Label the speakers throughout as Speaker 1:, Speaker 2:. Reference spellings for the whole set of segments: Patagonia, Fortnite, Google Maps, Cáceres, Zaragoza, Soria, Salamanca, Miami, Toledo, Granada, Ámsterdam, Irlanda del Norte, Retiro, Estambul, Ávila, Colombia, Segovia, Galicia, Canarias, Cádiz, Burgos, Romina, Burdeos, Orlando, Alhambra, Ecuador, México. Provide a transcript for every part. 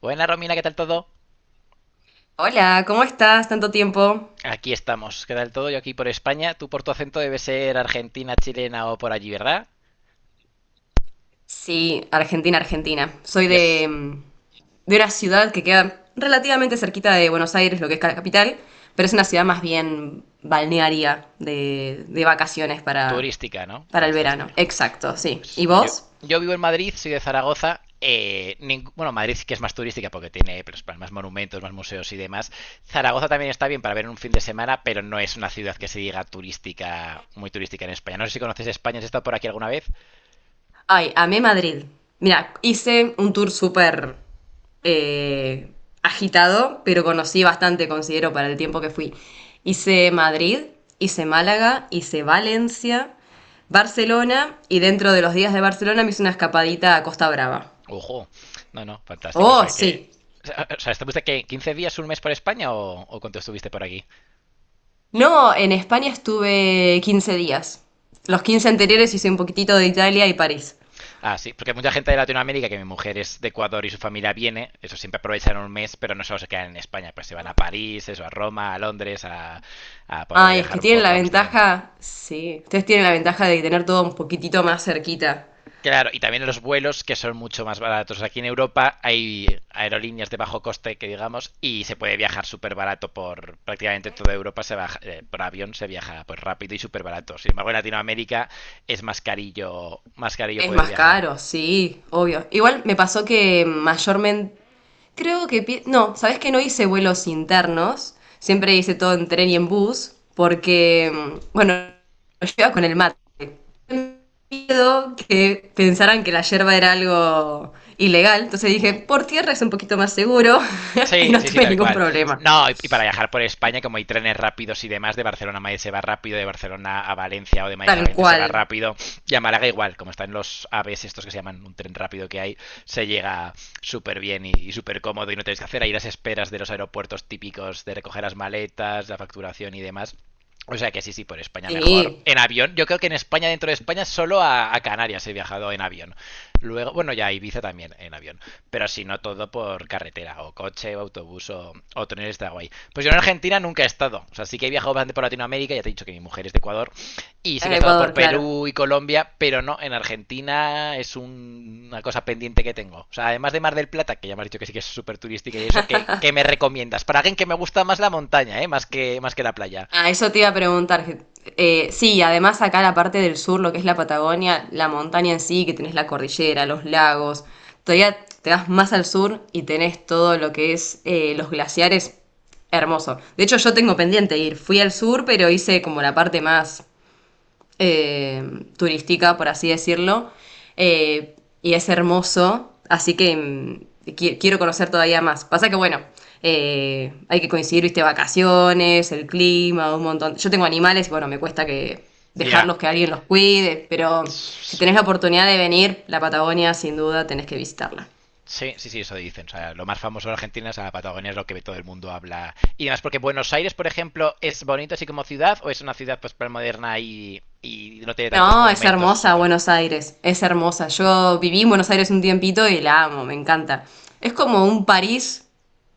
Speaker 1: Buena Romina, ¿qué tal todo?
Speaker 2: Hola, ¿cómo estás? ¿Tanto tiempo?
Speaker 1: Aquí estamos, ¿qué tal todo? Yo aquí por España. Tú por tu acento debe ser argentina, chilena o por allí, ¿verdad?
Speaker 2: Sí, Argentina, Argentina. Soy
Speaker 1: Y
Speaker 2: de,
Speaker 1: es
Speaker 2: de una ciudad que queda relativamente cerquita de Buenos Aires, lo que es la capital, pero es una ciudad más bien balnearia de vacaciones
Speaker 1: turística, ¿no?
Speaker 2: para el verano.
Speaker 1: Fantástico.
Speaker 2: Exacto, sí.
Speaker 1: Pues,
Speaker 2: ¿Y
Speaker 1: no, yo,
Speaker 2: vos?
Speaker 1: yo vivo en Madrid, soy de Zaragoza. Madrid sí que es más turística porque tiene pues, más monumentos, más museos y demás. Zaragoza también está bien para ver en un fin de semana, pero no es una ciudad que se diga turística, muy turística en España. No sé si conoces España, ¿has estado por aquí alguna vez?
Speaker 2: Ay, amé Madrid. Mira, hice un tour súper eh, agitado, pero conocí bastante, considero, para el tiempo que fui. Hice Madrid, hice Málaga, hice Valencia, Barcelona, y dentro de los días de Barcelona me hice una escapadita a Costa Brava.
Speaker 1: Ojo, no, no, fantástico. O
Speaker 2: Oh,
Speaker 1: sea que.
Speaker 2: sí.
Speaker 1: O sea, ¿estuviste qué, 15 días, un mes por España o cuánto estuviste por aquí?
Speaker 2: No, en España estuve 15 días. Los quince anteriores hice un poquitito de Italia y París.
Speaker 1: Ah, sí, porque mucha gente de Latinoamérica, que mi mujer es de Ecuador y su familia viene, eso siempre aprovechan un mes, pero no solo se quedan en España, pues se van a París, eso, a Roma, a Londres, a por allá
Speaker 2: Ay, es
Speaker 1: viajar
Speaker 2: que
Speaker 1: un
Speaker 2: tienen
Speaker 1: poco,
Speaker 2: la
Speaker 1: a Ámsterdam.
Speaker 2: ventaja, sí, ustedes tienen la ventaja de tener todo un poquitito más cerquita.
Speaker 1: Claro, y también los vuelos que son mucho más baratos. Aquí en Europa hay aerolíneas de bajo coste, que digamos, y se puede viajar súper barato por prácticamente toda Europa, se baja, por avión se viaja pues rápido y súper barato. Sin embargo, en Latinoamérica es más carillo
Speaker 2: Es
Speaker 1: poder
Speaker 2: más
Speaker 1: viajar.
Speaker 2: caro, sí, obvio. Igual me pasó que mayormente, creo que, no, ¿sabes que no hice vuelos internos? Siempre hice todo en tren y en bus, porque, bueno, yo iba con el mate. Miedo que pensaran que la yerba era algo ilegal, entonces dije,
Speaker 1: Ojo.
Speaker 2: por tierra es un poquito más seguro y
Speaker 1: Sí,
Speaker 2: no
Speaker 1: sí, sí,
Speaker 2: tuve
Speaker 1: tal
Speaker 2: ningún
Speaker 1: cual.
Speaker 2: problema.
Speaker 1: No, y para viajar por España, como hay trenes rápidos y demás, de Barcelona a Madrid se va rápido, de Barcelona a Valencia o de Madrid a
Speaker 2: Tal
Speaker 1: Valencia se va
Speaker 2: cual,
Speaker 1: rápido, y a Málaga igual, como están los AVEs estos que se llaman un tren rápido que hay, se llega súper bien y súper cómodo y no tenéis que hacer ahí las esperas de los aeropuertos típicos de recoger las maletas, la facturación y demás. O sea que sí, sí, por España mejor.
Speaker 2: sí,
Speaker 1: En avión, yo creo que en España, dentro de España, solo a Canarias he viajado en avión. Luego, bueno, ya a Ibiza también en avión. Pero si no todo por carretera, o coche, o autobús, o tren está guay. Pues yo en Argentina nunca he estado. O sea, sí que he viajado bastante por Latinoamérica, ya te he dicho que mi mujer es de Ecuador. Y sí
Speaker 2: es
Speaker 1: que he
Speaker 2: de
Speaker 1: estado por
Speaker 2: Ecuador, claro.
Speaker 1: Perú y Colombia, pero no, en Argentina es una cosa pendiente que tengo. O sea, además de Mar del Plata, que ya me has dicho que sí que es súper turística y eso, ¿qué, qué me recomiendas? Para alguien que me gusta más la montaña, ¿eh? Más que la playa.
Speaker 2: Ah, eso te iba a preguntar. Sí, además acá la parte del sur, lo que es la Patagonia, la montaña en sí, que tenés la cordillera, los lagos, todavía te das más al sur y tenés todo lo que es los glaciares, hermoso. De hecho, yo tengo pendiente ir. Fui al sur, pero hice como la parte más eh, turística, por así decirlo, eh, y es hermoso, así que quiero conocer todavía más. Pasa que, bueno, hay que coincidir, viste, vacaciones, el clima, un montón. Yo tengo animales y, bueno, me cuesta que
Speaker 1: Ya.
Speaker 2: dejarlos que alguien los cuide, pero
Speaker 1: Yeah.
Speaker 2: si tenés la oportunidad de venir, la Patagonia, sin duda, tenés que visitarla.
Speaker 1: Sí, sí, sí, eso dicen. O sea, lo más famoso de Argentina es la Patagonia, es lo que todo el mundo habla. Y además, porque Buenos Aires, por ejemplo, ¿es bonito así como ciudad o es una ciudad pues moderna y no tiene tantos
Speaker 2: No, es
Speaker 1: monumentos? O sea,
Speaker 2: hermosa
Speaker 1: está...
Speaker 2: Buenos Aires, es hermosa. Yo viví en Buenos Aires un tiempito y la amo, me encanta. Es como un París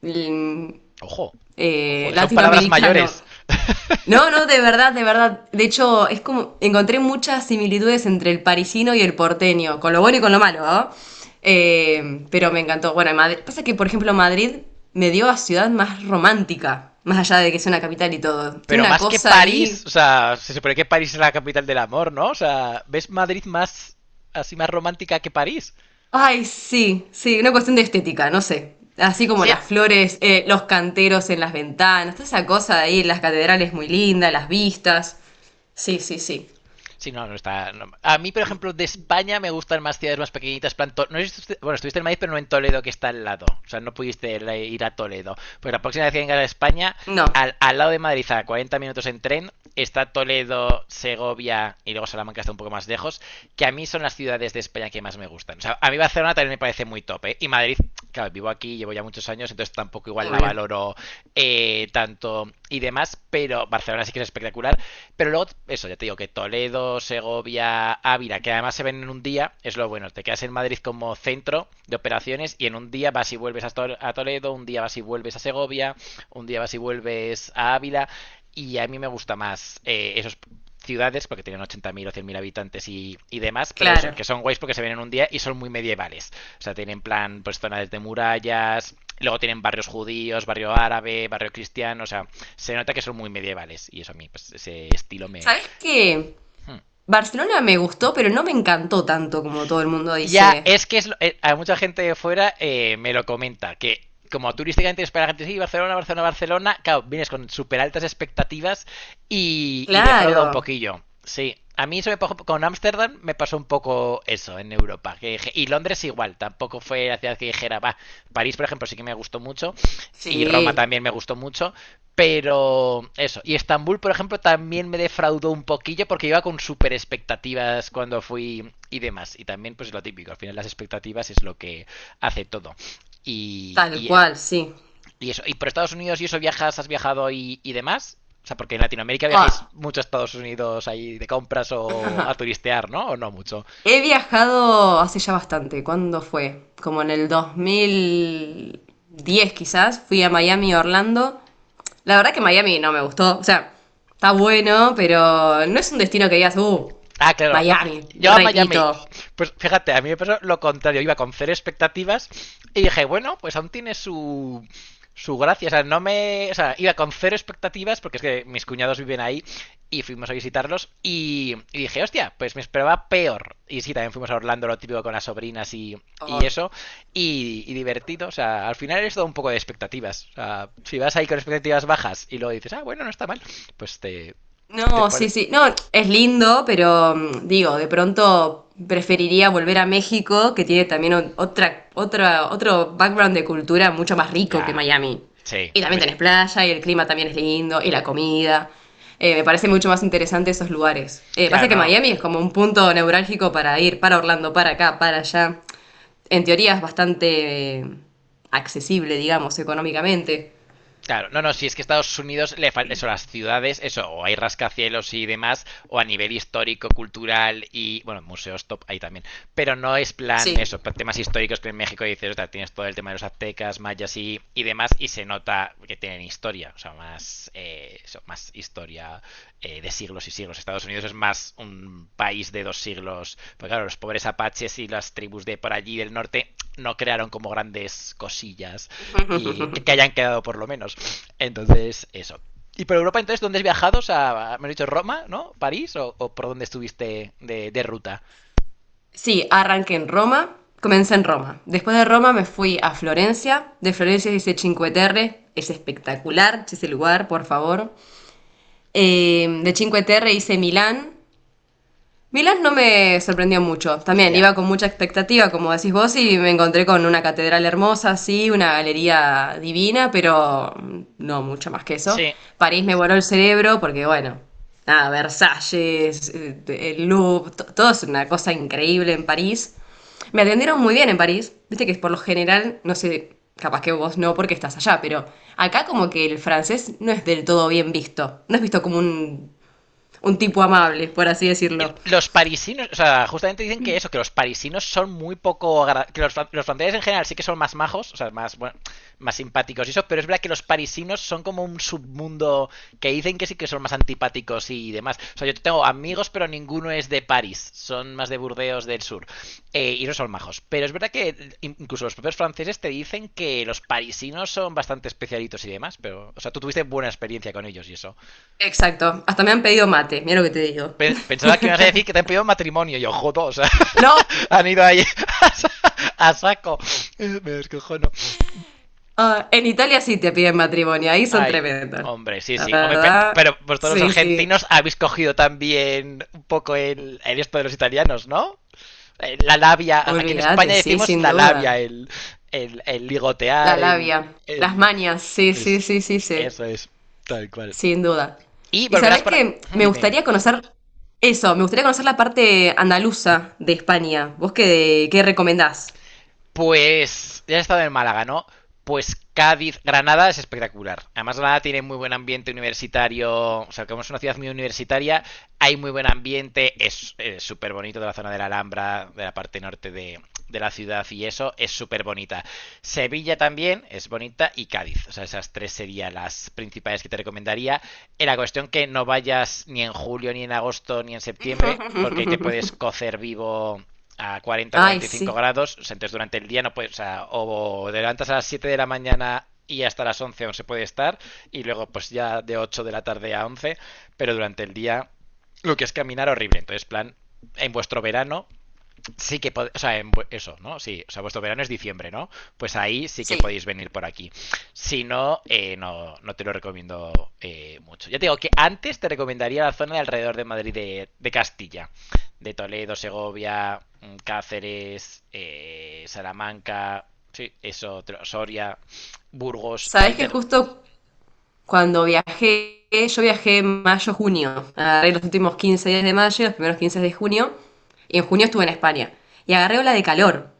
Speaker 2: mm,
Speaker 1: Ojo, ojo, son palabras
Speaker 2: latinoamericano.
Speaker 1: mayores.
Speaker 2: No, no, de verdad, de verdad. De hecho, es como encontré muchas similitudes entre el parisino y el porteño, con lo bueno y con lo malo, ¿no? Pero me encantó. Bueno, en Madrid, pasa que, por ejemplo, Madrid me dio a ciudad más romántica, más allá de que es una capital y todo.
Speaker 1: Pero
Speaker 2: Tiene una
Speaker 1: más que
Speaker 2: cosa
Speaker 1: París,
Speaker 2: ahí.
Speaker 1: o sea, se supone que París es la capital del amor, ¿no? O sea, ¿ves Madrid más así más romántica que París?
Speaker 2: Ay, sí, sí, una cuestión de estética, no sé. Así como
Speaker 1: Sí,
Speaker 2: las flores, los canteros en las ventanas, toda esa cosa de ahí, las catedrales muy lindas, las vistas. Sí, sí, sí.
Speaker 1: sí, no, no está. No. A mí, por ejemplo, de España me gustan más ciudades más pequeñitas. Plan no sé si bueno, estuviste en Madrid, pero no en Toledo, que está al lado. O sea, no pudiste ir a Toledo. Pues la próxima vez que vengas a España,
Speaker 2: No,
Speaker 1: al lado de Madrid, a 40 minutos en tren, está Toledo, Segovia y luego Salamanca está un poco más lejos. Que a mí son las ciudades de España que más me gustan. O sea, a mí Barcelona también me parece muy top, ¿eh? Y Madrid, claro, vivo aquí, llevo ya muchos años, entonces tampoco igual la
Speaker 2: obvio.
Speaker 1: valoro tanto y demás, pero Barcelona sí que es espectacular. Pero luego, eso, ya te digo que Toledo, Segovia, Ávila, que además se ven en un día, es lo bueno. Te quedas en Madrid como centro de operaciones y en un día vas y vuelves a, Toledo, un día vas y vuelves a Segovia, un día vas y vuelves a Ávila. Y a mí me gusta más esos ciudades, porque tienen 80.000 o 100.000 habitantes y demás, pero eso,
Speaker 2: Claro.
Speaker 1: que son guays porque se ven en un día y son muy medievales. O sea, tienen plan, pues zonas de murallas, luego tienen barrios judíos, barrio árabe, barrio cristiano, o sea, se nota que son muy medievales y eso a mí, pues ese estilo me...
Speaker 2: ¿Sabes qué?
Speaker 1: Hmm.
Speaker 2: Barcelona me gustó, pero no me encantó tanto como todo el mundo
Speaker 1: Ya,
Speaker 2: dice.
Speaker 1: es que es a mucha gente de fuera me lo comenta, que como turísticamente es para la gente, sí, Barcelona, Barcelona, Barcelona, claro, vienes con súper altas expectativas y defrauda
Speaker 2: Claro.
Speaker 1: un poquillo. Sí, a mí eso me pasó con Ámsterdam, me pasó un poco eso en Europa. Que y Londres igual, tampoco fue la ciudad que dijera, va, París, por ejemplo, sí que me gustó mucho. Y Roma
Speaker 2: Sí,
Speaker 1: también me gustó mucho. Pero eso, y Estambul, por ejemplo, también me defraudó un poquillo porque iba con super expectativas cuando fui y demás. Y también, pues lo típico, al final las expectativas es lo que hace todo. Y,
Speaker 2: tal
Speaker 1: y, es-
Speaker 2: cual, sí.
Speaker 1: y eso, y por Estados Unidos y eso viajas, has viajado y demás. O sea, porque en Latinoamérica viajáis
Speaker 2: Ah,
Speaker 1: mucho a Estados Unidos ahí de compras o a turistear, ¿no? O no mucho.
Speaker 2: he viajado hace ya bastante. ¿Cuándo fue? Como en el 2010 quizás. Fui a Miami, Orlando. La verdad que Miami no me gustó. O sea, está bueno, pero no es un destino que digas,
Speaker 1: Ah, claro. No,
Speaker 2: Miami,
Speaker 1: yo a Miami.
Speaker 2: repito.
Speaker 1: Pues fíjate, a mí me pasó lo contrario. Iba con cero expectativas y dije, bueno, pues aún tiene su, su gracia. O sea, no me. O sea, iba con cero expectativas porque es que mis cuñados viven ahí y fuimos a visitarlos. Y dije, hostia, pues me esperaba peor. Y sí, también fuimos a Orlando, lo típico con las sobrinas y eso. Y divertido. O sea, al final es todo un poco de expectativas. O sea, si vas ahí con expectativas bajas y luego dices, ah, bueno, no está mal, pues te. te
Speaker 2: No,
Speaker 1: pare-
Speaker 2: sí, sí. No, es lindo, pero digo, de pronto preferiría volver a México, que tiene también otra, otro background de cultura mucho más rico que
Speaker 1: ya.
Speaker 2: Miami.
Speaker 1: Sí,
Speaker 2: Y
Speaker 1: hombre,
Speaker 2: también
Speaker 1: es que
Speaker 2: tenés playa, y el clima también es lindo, y la comida. Me parece mucho más interesante esos lugares.
Speaker 1: claro,
Speaker 2: Pasa que
Speaker 1: no, no.
Speaker 2: Miami es como un punto neurálgico para ir para Orlando, para acá, para allá. En teoría es bastante accesible, digamos, económicamente.
Speaker 1: Claro, no, no, si es que Estados Unidos le falta eso, las ciudades, eso, o hay rascacielos y demás, o a nivel histórico, cultural y, bueno, museos top ahí también. Pero no es plan
Speaker 2: Sí.
Speaker 1: eso, plan temas históricos que en México dices, "Ostras, tienes todo el tema de los aztecas, mayas y demás, y se nota que tienen historia, o sea, más, eso, más historia de siglos y siglos. Estados Unidos es más un país de dos siglos, porque claro, los pobres apaches y las tribus de por allí del norte no crearon como grandes cosillas y que hayan quedado por lo menos. Entonces, eso. Y por Europa, entonces, ¿dónde has viajado? O sea, me has dicho Roma, ¿no? ¿París? O por dónde estuviste de ruta?
Speaker 2: Sí, arranqué en Roma, comencé en Roma. Después de Roma me fui a Florencia. De Florencia hice Cinque Terre, es espectacular ese lugar, por favor. De Cinque Terre hice Milán, Milán no me sorprendió mucho. También
Speaker 1: Ya. Yeah.
Speaker 2: iba con mucha expectativa, como decís vos, y me encontré con una catedral hermosa, sí, una galería divina, pero no mucho más que eso.
Speaker 1: Sí,
Speaker 2: París me voló el cerebro porque, bueno, nada, Versalles, el Louvre, todo es una cosa increíble en París. Me atendieron muy bien en París. Viste que por lo general, no sé, capaz que vos no porque estás allá, pero acá como que el francés no es del todo bien visto. No es visto como un tipo amable, por así decirlo.
Speaker 1: los parisinos, o sea, justamente dicen que eso, que los parisinos son muy que los franceses en general sí que son más majos, o sea, más bueno, más simpáticos y eso, pero es verdad que los parisinos son como un submundo que dicen que sí que son más antipáticos y demás. O sea, yo tengo amigos, pero ninguno es de París, son más de Burdeos del sur y no son majos. Pero es verdad que incluso los propios franceses te dicen que los parisinos son bastante especialitos y demás, pero, o sea, tú tuviste buena experiencia con ellos y eso.
Speaker 2: Exacto. Hasta me han pedido mate, mira lo que te digo.
Speaker 1: Pensaba que me ibas a decir que te han pedido matrimonio, y yo jodo, o sea.
Speaker 2: No,
Speaker 1: Han ido ahí a saco. Me descojono.
Speaker 2: ah, en Italia sí te piden matrimonio, ahí son
Speaker 1: Ay,
Speaker 2: tremendos.
Speaker 1: hombre, sí,
Speaker 2: La
Speaker 1: sí. Hombre,
Speaker 2: verdad,
Speaker 1: pero vosotros los
Speaker 2: sí, sí.
Speaker 1: argentinos habéis cogido también un poco el esto de los italianos, ¿no? La labia. Aquí en
Speaker 2: Olvídate,
Speaker 1: España
Speaker 2: sí,
Speaker 1: decimos
Speaker 2: sin
Speaker 1: la
Speaker 2: duda.
Speaker 1: labia, el ligotear,
Speaker 2: La labia, las
Speaker 1: el...
Speaker 2: mañas, sí, sí,
Speaker 1: Es,
Speaker 2: sí, sí, sí,
Speaker 1: eso es, tal cual.
Speaker 2: sin duda.
Speaker 1: Y
Speaker 2: Y
Speaker 1: volverás
Speaker 2: sabes
Speaker 1: por aquí...
Speaker 2: que me
Speaker 1: Dime, dime.
Speaker 2: gustaría conocer eso, me gustaría conocer la parte andaluza de España. ¿Vos qué, qué recomendás?
Speaker 1: Pues ya he estado en Málaga, ¿no? Pues Cádiz, Granada es espectacular. Además, Granada tiene muy buen ambiente universitario, o sea, como es una ciudad muy universitaria, hay muy buen ambiente, es súper bonito de la zona de la Alhambra, de la parte norte de la ciudad y eso, es súper bonita. Sevilla también es bonita y Cádiz, o sea, esas tres serían las principales que te recomendaría. En la cuestión que no vayas ni en julio, ni en agosto, ni en septiembre, porque ahí te puedes cocer vivo a 40,
Speaker 2: Ay,
Speaker 1: 45
Speaker 2: sí.
Speaker 1: grados, o sea, entonces durante el día no puedes, o sea, o te levantas a las 7 de la mañana y hasta las 11 aún se puede estar, y luego pues ya de 8 de la tarde a 11 pero durante el día lo que es caminar horrible, entonces plan, en vuestro verano sí que o sea, en eso, ¿no? Sí, o sea, vuestro verano es diciembre, ¿no? Pues ahí sí que
Speaker 2: Sí.
Speaker 1: podéis venir por aquí. Si no, no, no te lo recomiendo mucho. Ya te digo que antes te recomendaría la zona de alrededor de Madrid de Castilla, de Toledo, Segovia, Cáceres, Salamanca, sí, eso, Soria, Burgos,
Speaker 2: Sabés
Speaker 1: ahí
Speaker 2: que
Speaker 1: te...
Speaker 2: justo cuando viajé, yo viajé en mayo, junio. Agarré los últimos 15 días de mayo, los primeros 15 de junio. Y en junio estuve en España. Y agarré ola de calor.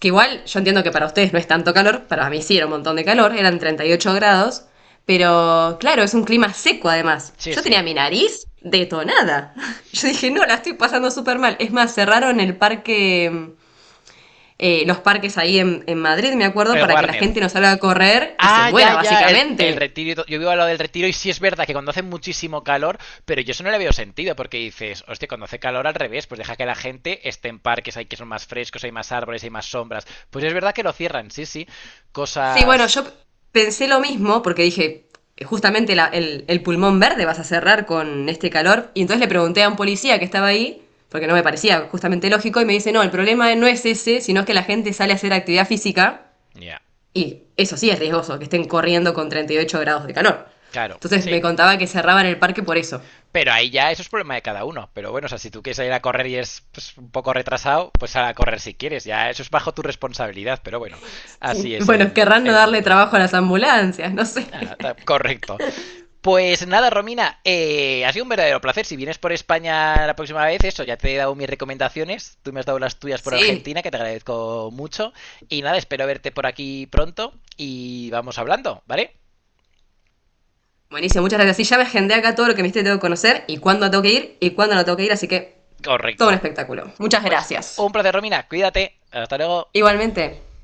Speaker 2: Que igual yo entiendo que para ustedes no es tanto calor, para mí sí era un montón de calor, eran 38 grados. Pero claro, es un clima seco además.
Speaker 1: Sí,
Speaker 2: Yo
Speaker 1: sí.
Speaker 2: tenía mi nariz detonada. Yo dije, no, la estoy pasando súper mal. Es más, cerraron el parque, los parques ahí en Madrid, me acuerdo, para que la
Speaker 1: Warner,
Speaker 2: gente no salga a correr y se
Speaker 1: ah, ya,
Speaker 2: muera,
Speaker 1: ya, el
Speaker 2: básicamente.
Speaker 1: retiro. Yo vivo al lado del retiro y sí es verdad que cuando hace muchísimo calor, pero yo eso no le veo sentido porque dices, hostia, cuando hace calor al revés, pues deja que la gente esté en parques, hay que son más frescos, hay más árboles, hay más sombras. Pues es verdad que lo cierran, sí, sí.
Speaker 2: Sí, bueno,
Speaker 1: Cosas.
Speaker 2: pensé lo mismo porque dije, justamente el pulmón verde vas a cerrar con este calor. Y entonces le pregunté a un policía que estaba ahí, porque no me parecía justamente lógico, y me dice, no, el problema no es ese, sino es que la gente sale a hacer actividad física
Speaker 1: Ya,
Speaker 2: y eso sí es riesgoso, que estén corriendo con 38 grados de calor.
Speaker 1: claro,
Speaker 2: Entonces me
Speaker 1: sí.
Speaker 2: contaba que cerraban el parque por eso.
Speaker 1: Pero ahí ya eso es problema de cada uno. Pero bueno, o sea, si tú quieres ir a correr y es pues, un poco retrasado, pues sal a correr si quieres. Ya eso es bajo tu responsabilidad, pero bueno, así es
Speaker 2: Bueno, querrán no
Speaker 1: el
Speaker 2: darle
Speaker 1: mundo.
Speaker 2: trabajo a las ambulancias, no sé.
Speaker 1: Ah, correcto. Pues nada, Romina, ha sido un verdadero placer. Si vienes por España la próxima vez, eso, ya te he dado mis recomendaciones. Tú me has dado las tuyas por
Speaker 2: Sí,
Speaker 1: Argentina, que te agradezco mucho. Y nada, espero verte por aquí pronto y vamos hablando, ¿vale?
Speaker 2: buenísimo, muchas gracias. Sí, ya me agendé acá todo lo que me dijiste que tengo que conocer y cuándo tengo que ir y cuándo no tengo que ir, así que todo un
Speaker 1: Correcto.
Speaker 2: espectáculo. Muchas
Speaker 1: Pues
Speaker 2: gracias.
Speaker 1: un placer, Romina. Cuídate. Hasta luego.
Speaker 2: Igualmente,